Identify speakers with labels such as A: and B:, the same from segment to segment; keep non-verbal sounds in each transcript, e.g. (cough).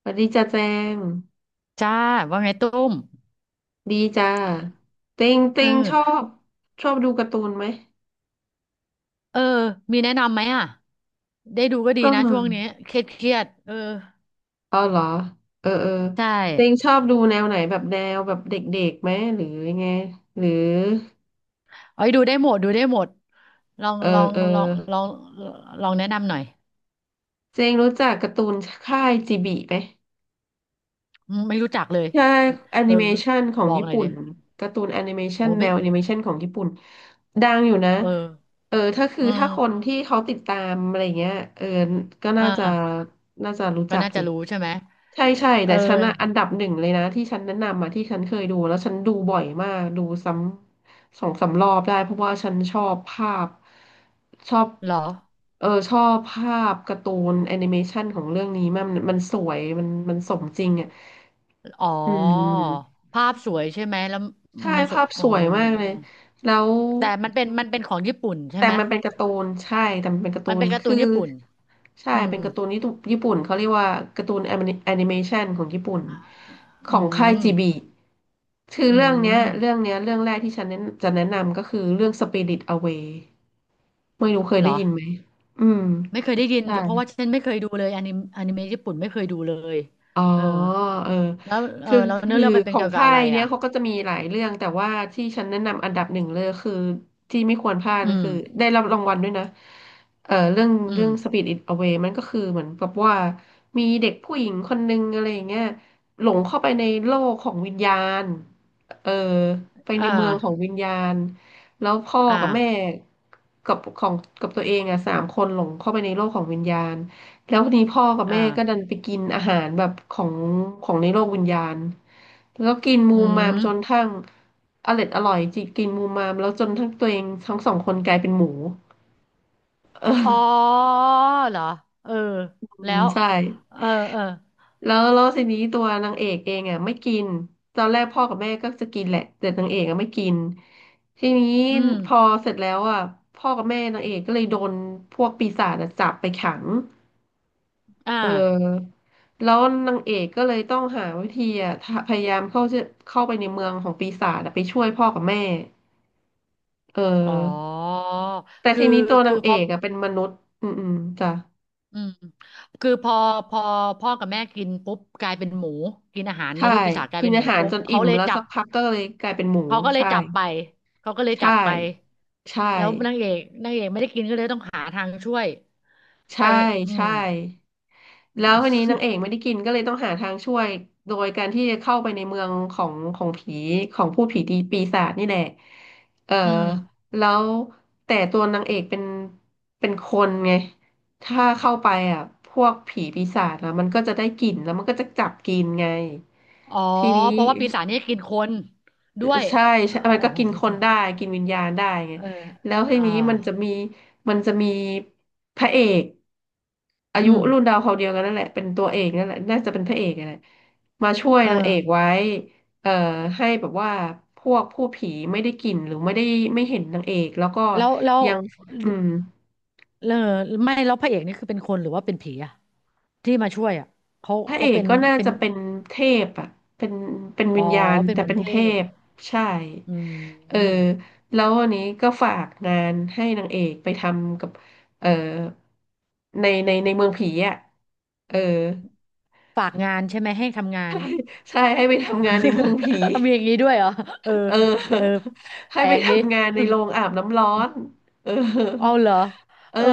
A: สวัสดีจ้าแจง
B: จ้าว่าไงตุ้ม
A: ดีจ้าเต็งเต็
B: เอ
A: งชอ
B: อ
A: บชอบดูการ์ตูนไหม
B: เออมีแนะนำไหมอ่ะได้ดูก็ดี
A: ก็
B: นะช่วงนี้เครียดเออ
A: อ๋อเหรอเออเออ
B: ใช่
A: เต็งชอบดูแนวไหนแบบแนวแบบเด็กๆไหมหรือยังไงหรือ
B: เอาไปดูได้หมดดูได้หมดลอง
A: เออ
B: ลอง
A: เออ
B: ลองลองลองแนะนำหน่อย
A: เจงรู้จักการ์ตูนค่ายจิบิไหม
B: อืมไม่รู้จักเลย
A: ใช่แอ
B: เอ
A: นิ
B: อ
A: เมชันขอ
B: บ
A: ง
B: อก
A: ญี่
B: หน่อย
A: ปุ่
B: เดี
A: น
B: ยว
A: การ์ตูนแอนิเมชั
B: โอ้
A: นแน
B: ไม่
A: วแอนิเมชันของญี่ปุ่นดังอยู่นะ
B: เออ
A: เออถ้าคือ
B: เออ
A: ถ้าคนที่เขาติดตามอะไรเงี้ยเออก็
B: อ่า
A: น่าจะรู้
B: ก็
A: จัก
B: น่า
A: อ
B: จะ
A: ยู่
B: รู้ใช่ไหม
A: ใช่ใช่
B: เออ
A: แต่ฉันอะอันดับหนึ่งเลยนะที่ฉันแนะนำมาที่ฉันเคยดูแล้วฉันดูบ่อยมากดูซ้ำสองสามรอบได้เพราะว่าฉันชอบภาพชอบ
B: เหรอ
A: เออชอบภาพการ์ตูนแอนิเมชันของเรื่องนี้มากมันสวยมันสมจริงอะ
B: อ๋อ
A: อืม
B: ภาพสวยใช่ไหมแล้ว
A: ใช่
B: มันสว
A: ภา
B: ย
A: พ
B: อ๋
A: ส
B: อ
A: วยมาก
B: อ๋
A: เล
B: อ
A: ยแล้ว
B: แต่มันเป็นของญี่ปุ่นใช่
A: แต่
B: ไหม
A: มันเป็นการ์ตูนใช่แต่มันเป็นการ์ตู
B: มัน
A: น
B: เป็นการ์ตู
A: คือ
B: นญี่ปุ่น
A: ใช่
B: อื
A: เป็
B: ม
A: นการ์ตูนญี่ปุ่นญี่ปุ่นเขาเรียกว่าการ์ตูนแอนิเมชันของญี่ปุ่นข
B: อื
A: องค่าย
B: ม
A: จีบีคือ
B: อืม
A: เรื่องแรกที่ฉันแนะจะแนะนำก็คือเรื่อง Spirit Away ไม่รู้เคย
B: เหร
A: ได้
B: อ
A: ยินไหมอืม
B: ไม่เคยได้ยินเพราะ
A: ใช่
B: ว่าฉันไม่เคยดูเลยอนิเมะญี่ปุ่นไม่เคยดูเลย
A: อ๋อ
B: เออ
A: เออ
B: แล้วเอ
A: คื
B: อ
A: อ
B: แล้วเนื้อ
A: คือ
B: เรื่องมัน
A: ข
B: เป็น
A: อง
B: เกี่ยวกับ
A: ค่า
B: อะ
A: ย
B: ไร
A: เนี้ย
B: อ่ะ
A: เขาก็จะมีหลายเรื่อง แต่ว่าที่ฉันแนะนำอันดับหนึ่งเลยคือ ที่ไม่ควรพลาด
B: อื
A: ก็
B: ม
A: คือได้รับรางวัลด้วยนะเออเรื่อง
B: อื
A: เรื่
B: ม
A: อง Spirit It Away มันก็คือเหมือนกับว่า มีเด็กผู้หญิงคนนึงอะไรอย่างเงี้ยหลงเข้าไปในโลกของวิญญาณเออไปใน
B: อ่า
A: เมืองของวิญญาณ แล้วพ่อ
B: อ่า
A: กับแม่กับของกับตัวเองอ่ะสามคนหลงเข้าไปในโลกของวิญญาณ แล้วทีนี้พ่อกับ
B: อ่
A: แม่ก็ดัน
B: า
A: ไปกินอาหารแบบของในโลกวิญญาณแล้วกิน
B: อื
A: มูมมาม
B: ม
A: จนทั้งอร่อยอร่อยจิกินมูมมามแล้วจนทั้งตัวเองทั้งสองคนกลายเป็นหมู (laughs)
B: อ๋อ
A: เออ
B: เหรอเออแล้ว
A: ใช่
B: เออเออ
A: แล้วแล้วทีนี้ตัวนางเอกเองอ่ะไม่กินตอนแรกพ่อกับแม่ก็จะกินแหละแต่นางเอกอ่ะไม่กินทีนี้
B: อืม
A: พอเสร็จแล้วอ่ะพ่อกับแม่นางเอกก็เลยโดนพวกปีศาจอะจับไปขัง
B: อ่า
A: เออแล้วนางเอกก็เลยต้องหาวิธีอ่ะทะพยายามเข้าชื่อเข้าไปในเมืองของปีศาจอะไปช่วยพ่อกับแม่เ
B: อ๋อ
A: ออแต่
B: คื
A: ที
B: อ
A: นี้ตัวนา
B: คือ
A: งเอ
B: พอ
A: กอ่ะเป็นมนุษย์อืมจ้ะ
B: อืมคือพอพ่อกับแม่กินปุ๊บกลายเป็นหมูกินอาหารใน
A: ใช่
B: โลกปีศาจกลาย
A: กิน
B: เป็นห
A: อา
B: มู
A: หาร
B: ปุ๊บ
A: จน
B: เขา
A: อิ่ม
B: เลย
A: แล้ว
B: จั
A: สั
B: บ
A: กพักก็เลยกลายเป็นหมู
B: เขาก็เลย
A: ใช่
B: จับไปเขาก็เลยจั
A: ใช่
B: บไป
A: ใช่
B: แล้วนางเอกไม่ได้กินก็เลยต้องหาทางช่วยไป
A: ใช่
B: อืม
A: ใช่ แล้วทีนี้นางเอกไม่ได้กินก็เลยต้องหาทางช่วยโดยการที่จะเข้าไปในเมืองของผีของผู้ผีดีปีศาจนี่แหละเออ
B: อืม
A: แล้วแต่ตัวนางเอกเป็นคนไงถ้าเข้าไปอ่ะพวกผีปีศาจนะมันก็จะได้กลิ่นแล้วมันก็จะจับกินไง
B: อ๋อ
A: ทีนี้
B: เพราะว่าปีศาจนี่กินคนด้วย
A: ใช่
B: เออ
A: ใช่มัน
B: โอ้
A: ก็กิน
B: โห
A: คนได้ กินวิญญาณได้ไง
B: เออ
A: แล้ว
B: อ่า
A: ทีนี้มันจะมีพระเอกอา
B: อื
A: ยุ
B: ม
A: รุ่นดาวเขาวเดียวกันนั่นแหละ เป็นตัวเอกนั่นแหละน่าจะเป็นพระเอกนั่นแหละมาช่วย
B: เออ
A: นางเอกไว้เอ่อให้แบบว่าพวกผู้ผีไม่ได้กลิ่นหรือไม่ได้ไม่เห็นนางเอกแล้วก็
B: แล้วแล้ว
A: ยังอืม
B: เออไม่แล้วพระเอกนี่คือเป็นคนหรือว่าเป็นผีอะที่มาช่วยอะเขา
A: พระเอ
B: เขา
A: ก
B: เป็น
A: ก็น่า
B: เป็น
A: จะเป็นเทพอ่ะเป็น
B: อ๋
A: วิ
B: อ
A: ญญาณ
B: เป็น
A: แต่
B: เหมือน
A: เป็น
B: เท่
A: เทพใช่
B: อื
A: เออ
B: ม
A: แล้ววันนี้ก็ฝากงานให้นางเอกไปทำกับ เออ ในเมืองผีอ่ะ เออ
B: ฝากงานใช่ไหมให้ทำงาน
A: ใช่ใช่ให้ไปทำงานในเมืองผี
B: (laughs) มีอย่างนี้ด้วยเหรอเออ
A: เออ
B: เออ
A: (laughs) ให้
B: แปล
A: ไป
B: กดิ
A: ทำงานในโรงอาบน้ำร้อนเออ
B: (laughs) เอาเหรอ
A: เออ
B: เออ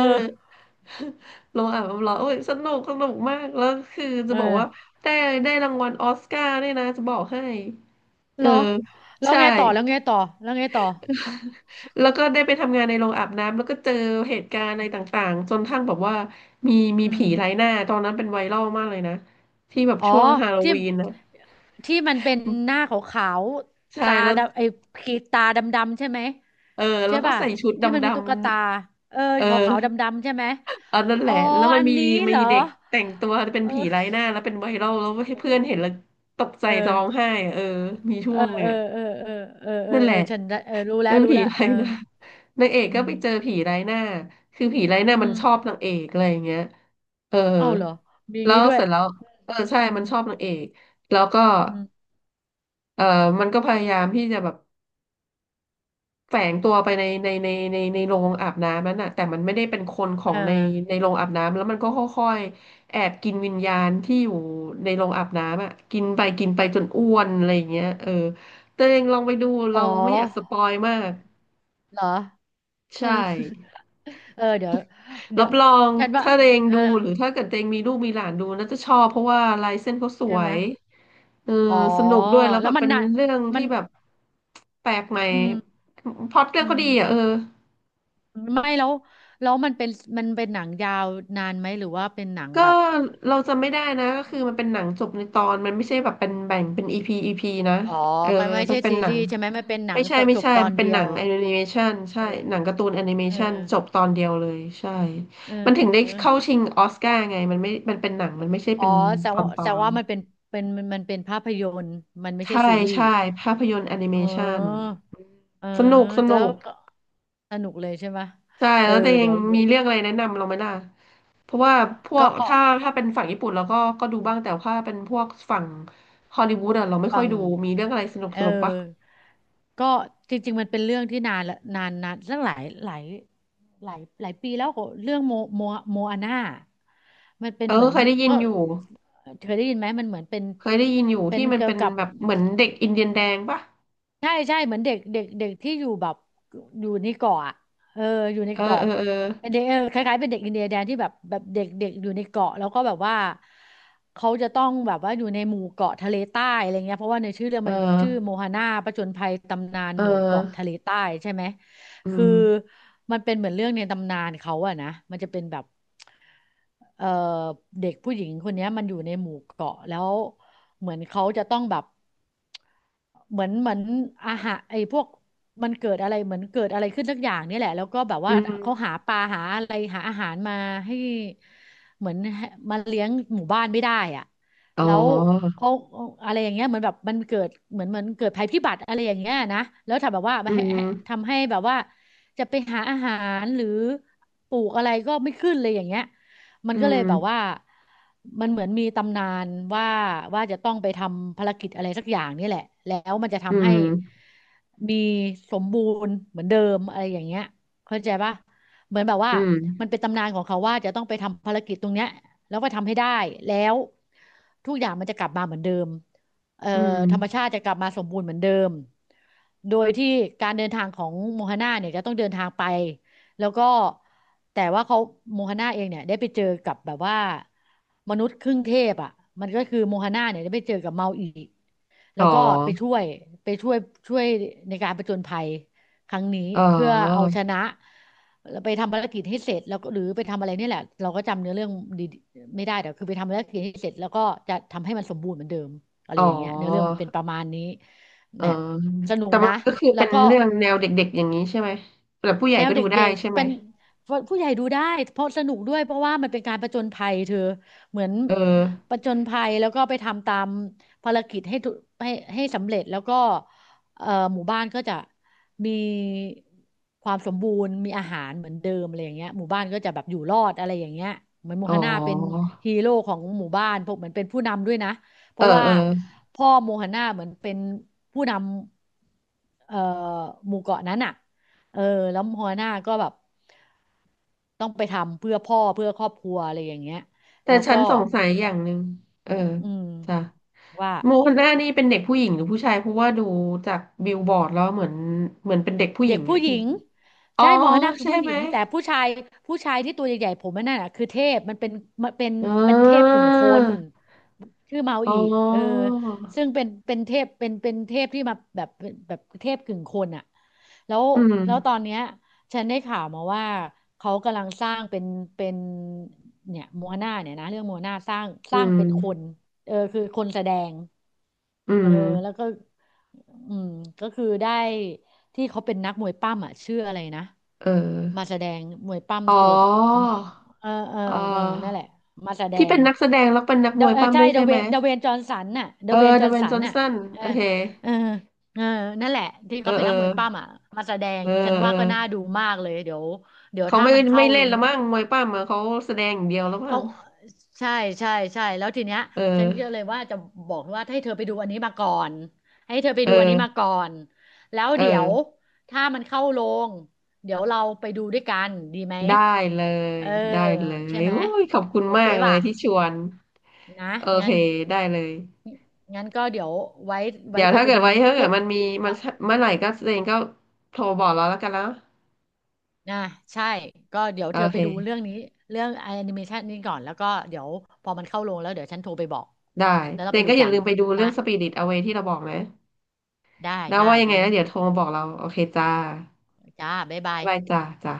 A: (laughs) โรงอาบน้ำร้อนโอ้ยสนุกสนุกมากแล้วคือจะ
B: เอ
A: บอกว่า
B: อ
A: ได้ได้รางวัลออสการ์ด้วยนะจะบอกให้
B: เห
A: เอ
B: ร
A: อ
B: อแล้ว
A: ใช่
B: ไงต่อแล้วไงต่อแล้วไงต่อ
A: (laughs) แล้วก็ได้ไปทำงานในโรงอาบน้ำแล้วก็เจอเหตุการณ์อะไรต่างๆจนทั้งแบบว่ามีมี
B: อื
A: ผี
B: ม
A: ไร้หน้าตอนนั้นเป็นไวรัลมากเลยนะที่แบบ
B: อ๋อ
A: ช่วงฮาโล
B: ที่
A: วีนนะ
B: ที่มันเป็นหน้าขาวๆ
A: ใช่
B: ตา
A: แล้ว
B: ดำไอ้ขีดตาดำๆใช่ไหม
A: เออแล้
B: ใช่
A: วก็
B: ป่ะ
A: ใส่ชุดด
B: ที่มันมีตุ๊กตาเอ
A: ำ
B: อ
A: ๆเออ
B: ขาวๆดำๆใช่ไหม
A: อันนั้นแห
B: อ๋อ
A: ละ แล้วมัน
B: อัน
A: มี
B: นี้
A: มี
B: เหรอ
A: เด็กแต่งตัวเป็น
B: เอ
A: ผี
B: อ
A: ไร้หน้าแล้วเป็นไวรัลแล้วให้เพื่อนเห็นแล้วตกใจ
B: เออ
A: ร้องไห้อะเออมี
B: เอ
A: ช่ว
B: อ
A: งหนึ่ง
B: เออ
A: อะ
B: เออเออเออเออ
A: นั่นแห
B: เออ
A: ละ
B: ฉันได้เออรู้แล้
A: เป็
B: ว
A: น
B: รู้
A: ผี
B: แล้วเอ
A: ไร้
B: อ
A: หน้า (laughs) นางเอก
B: อื
A: ก็ไป
B: ม
A: เจอผีไร้หน้าคือผีไร้หน้า
B: อื
A: มันชอบ
B: ม
A: นางเอกอะไรอย่างเงี้ยเออ
B: เอ้าเหรอมีอย่าง
A: แล้
B: นี้
A: ว
B: ด้ว
A: เส
B: ย
A: ร็จแล้วเออใช่
B: อื
A: มัน
B: ม
A: ชอบนางเอกแล้วก็
B: อืม
A: เออมันก็พยายามที่จะแบบ แฝงตัวไปในโรงอาบน้ำนั้นน่ะแต่มันไม่ได้เป็นคนของ
B: อ่า
A: ในโรงอาบน้ำแล้วมันก็ค่อยๆแอบกินวิญญาณที่อยู่ในโรงอาบน้ำอ่ะกินไปจนอ้วนอะไรอย่างเงี้ยเออตัวเองลองไปดู
B: อ๋อ
A: เราไม่อยากสปอยมาก
B: เหรอ เออ
A: ใช่
B: (laughs) เออเดี๋ยว
A: รั
B: เดี๋ย
A: บ
B: ว
A: รอง
B: ฉันว่า
A: ถ้าเอง
B: เออ
A: ดูหรือถ้าเกิดเองมีลูกมีหลานดูน่าจะชอบเพราะว่าลายเส้นเขาส
B: ใช่
A: ว
B: ไหม
A: ยเออ
B: อ๋อ
A: สนุกด้วยแล้ว
B: แล้
A: แบ
B: ว
A: บ
B: มัน
A: เป็น
B: น่ะ
A: เรื่อง
B: มั
A: ที่
B: น
A: แบบแปลกใหม่
B: อืม
A: พล็อตเรื่อง
B: อื
A: เขา
B: ม
A: ดีอ่ะเออ
B: ไม่แล้วแล้วมันเป็นหนังยาวนานไหมหรือว่าเป็นหนัง
A: ก็
B: แบบ
A: เราจำไม่ได้นะก็คือมันเป็นหนังจบในตอนมันไม่ใช่แบบเป็นแบ่งเป็นอีพีนะ
B: อ๋อ
A: เออ
B: มันไม่
A: มั
B: ใช่
A: นเป็น
B: ซี
A: หนั
B: รี
A: ง
B: ส์ใช่ไหมมันเป็นหนั
A: ไม่
B: ง
A: ใช่
B: ต
A: ไม่
B: จบ
A: ใช่
B: ตอ
A: มั
B: น
A: นเป็น
B: เดี
A: ห
B: ย
A: นั
B: ว
A: งแอนิเมชันใช่
B: เออ
A: หนังการ์ตูนแอนิเม
B: เออ
A: ชันจบตอนเดียวเลยใช่มันถึง
B: เออ
A: ได้เข้าชิงออสการ์ไงมันไม่มันเป็นหนังมันไม่ใช่
B: อ๋อ
A: เป็น
B: แสด
A: ต
B: ง
A: อ
B: ว่า
A: นต
B: แส
A: อ
B: ดง
A: น
B: ว่ามันเป็นเป็นมันเป็นภาพยนตร์มันไม่ใช่
A: ใช่
B: ซีรีส์
A: ใช่ภาพยนตร์แอนิเม
B: อ๋อ
A: ชัน
B: เออ
A: สนุกส
B: แล้
A: นุ
B: ว
A: ก
B: ก็สนุกเลยใช่ไหม
A: ใช่
B: เออ
A: แล้วแต่ยั
B: เดี๋
A: ง
B: ยว
A: มีเรื่องอะไรแนะนำเราไหมล่ะเพราะว่าพว
B: ก
A: ก
B: ็
A: ถ้าถ้าเป็นฝั่งญี่ปุ่นเราก็ดูบ้างแต่ถ้าเป็นพวกฝั่งฮอลลีวูดอะเราไม่
B: ฟั
A: ค่อย
B: ง
A: ดูมีเรื่องอะไรสนุก
B: เอ
A: ส
B: อ
A: นุกปะ
B: ก็จริงๆ มันเป็นเรื่องที่นานละนานตั้งหลายหลายหลายหลายปีแล้วก็เรื่องโมอาน่ามันเป็น
A: เอ
B: เห
A: อ
B: มือน
A: เคยได้ยิน
B: ก็
A: อยู่
B: เคยได้ยินไหมมันเหมือนเป็น
A: เคยได้ยินอยู่
B: เป็น
A: ที่มัน
B: เกี่ย
A: เป็
B: ว
A: น
B: กับ
A: แบบเหมือนเด็กอินเดียนแดงปะ
B: ใช่ใช่เหมือนเด็กเด็กเด็กที่อยู่แบบอยู่ในเกาะอะเอออยู่ใน
A: เออเอ
B: เกาะ
A: อเออ
B: เป็นเด็กเออคล้ายๆเป็นเด็กอินเดียแดนที่แบบเด็กเด็กอยู่ในเกาะแล้วก็แบบว่าเขาจะต้องแบบว่าอยู่ในหมู่เกาะทะเลใต้อะไรเงี้ยเพราะว่าในชื่อเรื่อง
A: เออ
B: มันชื่อโมฮาน่าผจญภัยตำนาน
A: เออ
B: หมู่เกาะทะเลใต้ใช่ไหม
A: อื
B: คือ
A: ม
B: มันเป็นเหมือนเรื่องในตำนานเขาอะนะมันจะเป็นแบบเออเด็กผู้หญิงคนเนี้ยมันอยู่ในหมู่เกาะแล้วเหมือนเขาจะต้องแบบ เหมือนอาหารไอ้พวกมันเกิดอะไรเหมือนเกิดอะไรขึ้นสักอย่างเนี่ยแหละแล้วก็แบบ
A: อื
B: ว่าเขาหา
A: ม
B: ปลาหาอะไรหาอาหารมาให้เหมือนให้มาเลี้ยงหมู่บ้านไม่ได้อ่ะ
A: อ๋
B: แล้ว
A: อ
B: เขาอะไรอย่างเงี้ยเหมือนแบบมันเกิดเหมือนเกิดภัยพิบัติอะไรอย่างเงี้ยนะแล้วทำแบบว่าไม่
A: อื
B: ให้
A: ม
B: ให้ทำให้แบบว่าจะไปหารหรือปลูกอะไรก็ไม่ขึ้นเลยอย่างเงี้ย มัน
A: อื
B: ก็เลย
A: ม
B: แบบว่ามันเหมือนมีตำนานว่าว่าจะต้องไปทำภารกิจอะไรสักอย่างนี่แหละแล้วมันจะ
A: อื
B: ทำให้
A: ม
B: มีสมบูรณ์เหมือนเดิมอะไรอย่างเงี้ยเข้าใจปะเหมือนแบบว่า
A: อืม
B: มันเป็นตำนานของเขาว่าจะต้องไปทำภารกิจตรงเนี้ยแล้วก็ทำให้ได้แล้วทุกอย่างมันจะกลับมาเหมือนเดิมเอ่อ
A: อืม
B: ธรรมชาติจะกลับมาสมบูรณ์เหมือนเดิมโดยที่การเดินทางของโมฮาน่าเนี่ยจะต้องเดินทางไป แล้วก็แต่ว่าเขาโมฮาน่าเองเนี่ยได้ไปเจอกับแบบว่ามนุษย์ครึ่งเทพอ่ะมันก็คือโมฮาน่าเนี่ยได้ไปเจอกับเมาอีกแล้
A: อ๋อ
B: วก็ไปช่วยไปช่วยช่วยในการผจญภัยครั้งนี้
A: อ๋
B: เพื่อเอา
A: อ
B: ชนะแล้วไปทำภารกิจให้เสร็จแล้วก็หรือไปทำอะไรเนี่ยแหละเราก็จำเนื้อเรื่องดีไม่ได้แต่คือไปทำภารกิจให้เสร็จแล้วก็จะทำให้มันสมบูรณ์เหมือนเดิมอะไร
A: อ๋อ
B: อย่างเงี้ยเนื้อเรื่องมันเป็นประมาณนี้
A: เออ
B: เนี่ยสนุก
A: แต่มั
B: นะ
A: นก็คือ
B: แล้
A: เป็
B: ว
A: น
B: ก็
A: เรื่องแนวเด็กๆอย่างนี้ใช่ไหมแต่ผู้ใหญ่
B: แนว
A: ก็
B: เด
A: ดูได้
B: ็ก
A: ใช่
B: ๆ
A: ไหม
B: เป็นผู้ใหญ่ดูได้เพราะสนุกด้วยเพราะว่ามันเป็นการผจญภัยเธอเหมือน
A: เออ
B: ผจญภัยแล้วก็ไปทำตามภารกิจให้ทุให้ให้สำเร็จแล้วก็เอ่อหมู่บ้านก็จะมีความสมบูรณ์มีอาหารเหมือนเดิมอะไรอย่างเงี้ยหมู่บ้านก็จะแบบอยู่รอดอะไรอย่างเงี้ยเหมือนโม
A: อ๋
B: ฮาน่าเป็น
A: อ
B: ฮีโร่ของหมู่บ้านพวกเหมือนเป็นผู้นำด้วยนะเพ
A: เออ
B: ราะว่า
A: เออ
B: พ่อโมฮาน่าเหมือนเป็นผู้นำหมู่เกาะนั้นอ่ะ เออแล้วหัวหน้าก็แบบต้องไปทำเพื่อพ่อเพื่อครอบครัวอะไรอย่างเงี้ย
A: แต่
B: แล้ว
A: ฉั
B: ก็
A: นสงสัยอย่างหนึ่งเออ
B: อืม
A: จ้ะ
B: ว่า
A: โมฮันน่านี่เป็นเด็กผู้หญิงหรือผู้ชายเพราะว่าดูจากบิลบอร์ดแล้วเหมือนเป็นเด็กผู้ห
B: เด็
A: ญิ
B: ก
A: ง
B: ผู้
A: อะ
B: ห
A: จ
B: ญิ
A: ริง
B: ง
A: อ๋อ
B: ใช่โมฮนาคือ
A: ใช่
B: ผู้ห
A: ไห
B: ญิ
A: ม
B: งแต่ผู้ชายที่ตัวใหญ่ๆผมนั่นน่ะคือเทพมันเป็นมันเป็น
A: อ๋
B: เป็นเทพ
A: อ
B: กึ่งคนชื่อเมา
A: อ๋อ
B: อีเออซึ่งเป็นเทพเป็นเทพที่มาแบบแบบเทพกึ่งคนอ่ะแล้ว
A: อืม
B: ตอนเนี้ยฉันได้ข่าวมาว่าเขากำลังสร้างเป็นเป็นเนี่ยโมฮนาเนี่ยนะเรื่องโมฮนาสร้าง
A: อืม
B: เป็นคนเออคือคนแสดง
A: อื
B: เออ
A: ม
B: แล้วก็อืมก็คือได้ ที่เขาเป็นนักมวยปั้มอ่ะชื่ออะไรนะ
A: เอ
B: มา
A: อ
B: แสดงมวยปั้ม
A: อ๋อ
B: ตัวคำเออเออ
A: เออ
B: เออนั่นแหละมาแสด
A: ที่
B: ง
A: เป็นนักแสดงแล้วเป็นนัก
B: เด
A: มวย
B: เออ
A: ปั้ม
B: ใช่
A: ด้วย
B: เด
A: ใช่
B: เว
A: ไหม
B: นจอห์นสันน่ะเด
A: เออ
B: เวนจ
A: เด
B: อห์น
A: เวน
B: สั
A: จ
B: น
A: อห์น
B: น่ะ
A: สัน
B: เออ
A: โอเค
B: เออเออนั่นแหละที่
A: เออ
B: เขาเป็น
A: เออ
B: นักมวยปั้มอ่ะมาแสดง
A: เออ
B: ฉัน
A: เอ
B: ว่าก็น่า
A: อ
B: ดูมากเลยเดี๋ยว
A: เขา
B: ถ้า
A: ไม่
B: มัน
A: ไม่
B: เข้า
A: เล่
B: ล
A: น
B: ง
A: ละมั้งมวยปั้มอะเขาแสดงอย่างเดียวแล้วมั้
B: เขา
A: ง
B: ใช่ใช่ใช่แล้วทีเนี้ย
A: เออ
B: ฉันก็เลยว่าจะบอกว่าให้เธอไปดูอันนี้มาก่อนให้เธอไป
A: เอ
B: ดูอัน
A: อ
B: นี้มาก่อนแล้ว
A: เอ
B: เดี๋ย
A: อ
B: วถ้ามันเข้าโรงเดี๋ยวเราไปดูด้วยกันดีไหม
A: ได้เล
B: เอ
A: ย
B: อ
A: ได้เล
B: ใช่
A: ย
B: ไหม
A: โอ้ยขอบคุณ
B: โอ
A: มา
B: เค
A: กเล
B: ป่ะ
A: ยที่ชวน
B: นะ
A: โอเค
B: งั้น
A: ได้เลย
B: ก็เดี๋ยวไว้
A: เดี๋ยว
B: เธอ
A: ถ้า
B: ไป
A: เกิด
B: ดู
A: ไว้
B: นี้
A: ถ้าเกิด
B: ปุ๊บ
A: มันมีมัน
B: แล้ว
A: เมื่อไหร่ก็เจนก็โทรบอกเราแล้วกันนะ
B: นะใช่ก็เดี๋ยว
A: โอ
B: เธอไปดู
A: เค
B: เรื่องนี้เรื่องแอนิเมชันนี้ก่อนแล้วก็เดี๋ยวพอมันเข้าโรงแล้วเดี๋ยวฉันโทรไปบอก
A: ได้
B: แล้วเรา
A: เจ
B: ไป
A: น
B: ดู
A: ก็อย่า
B: กัน
A: ลืมไปดูเรื่
B: นะ
A: อง Spirit Away ที่เราบอกนะ
B: ได้
A: นะ
B: ได้
A: ว่ายังไง
B: งั้น
A: นะเดี๋ยวโทรมาบอกเราโอเคจ้า
B: จ้าบ๊ายบา
A: บ๊าย
B: ย
A: บายจ้าจ้า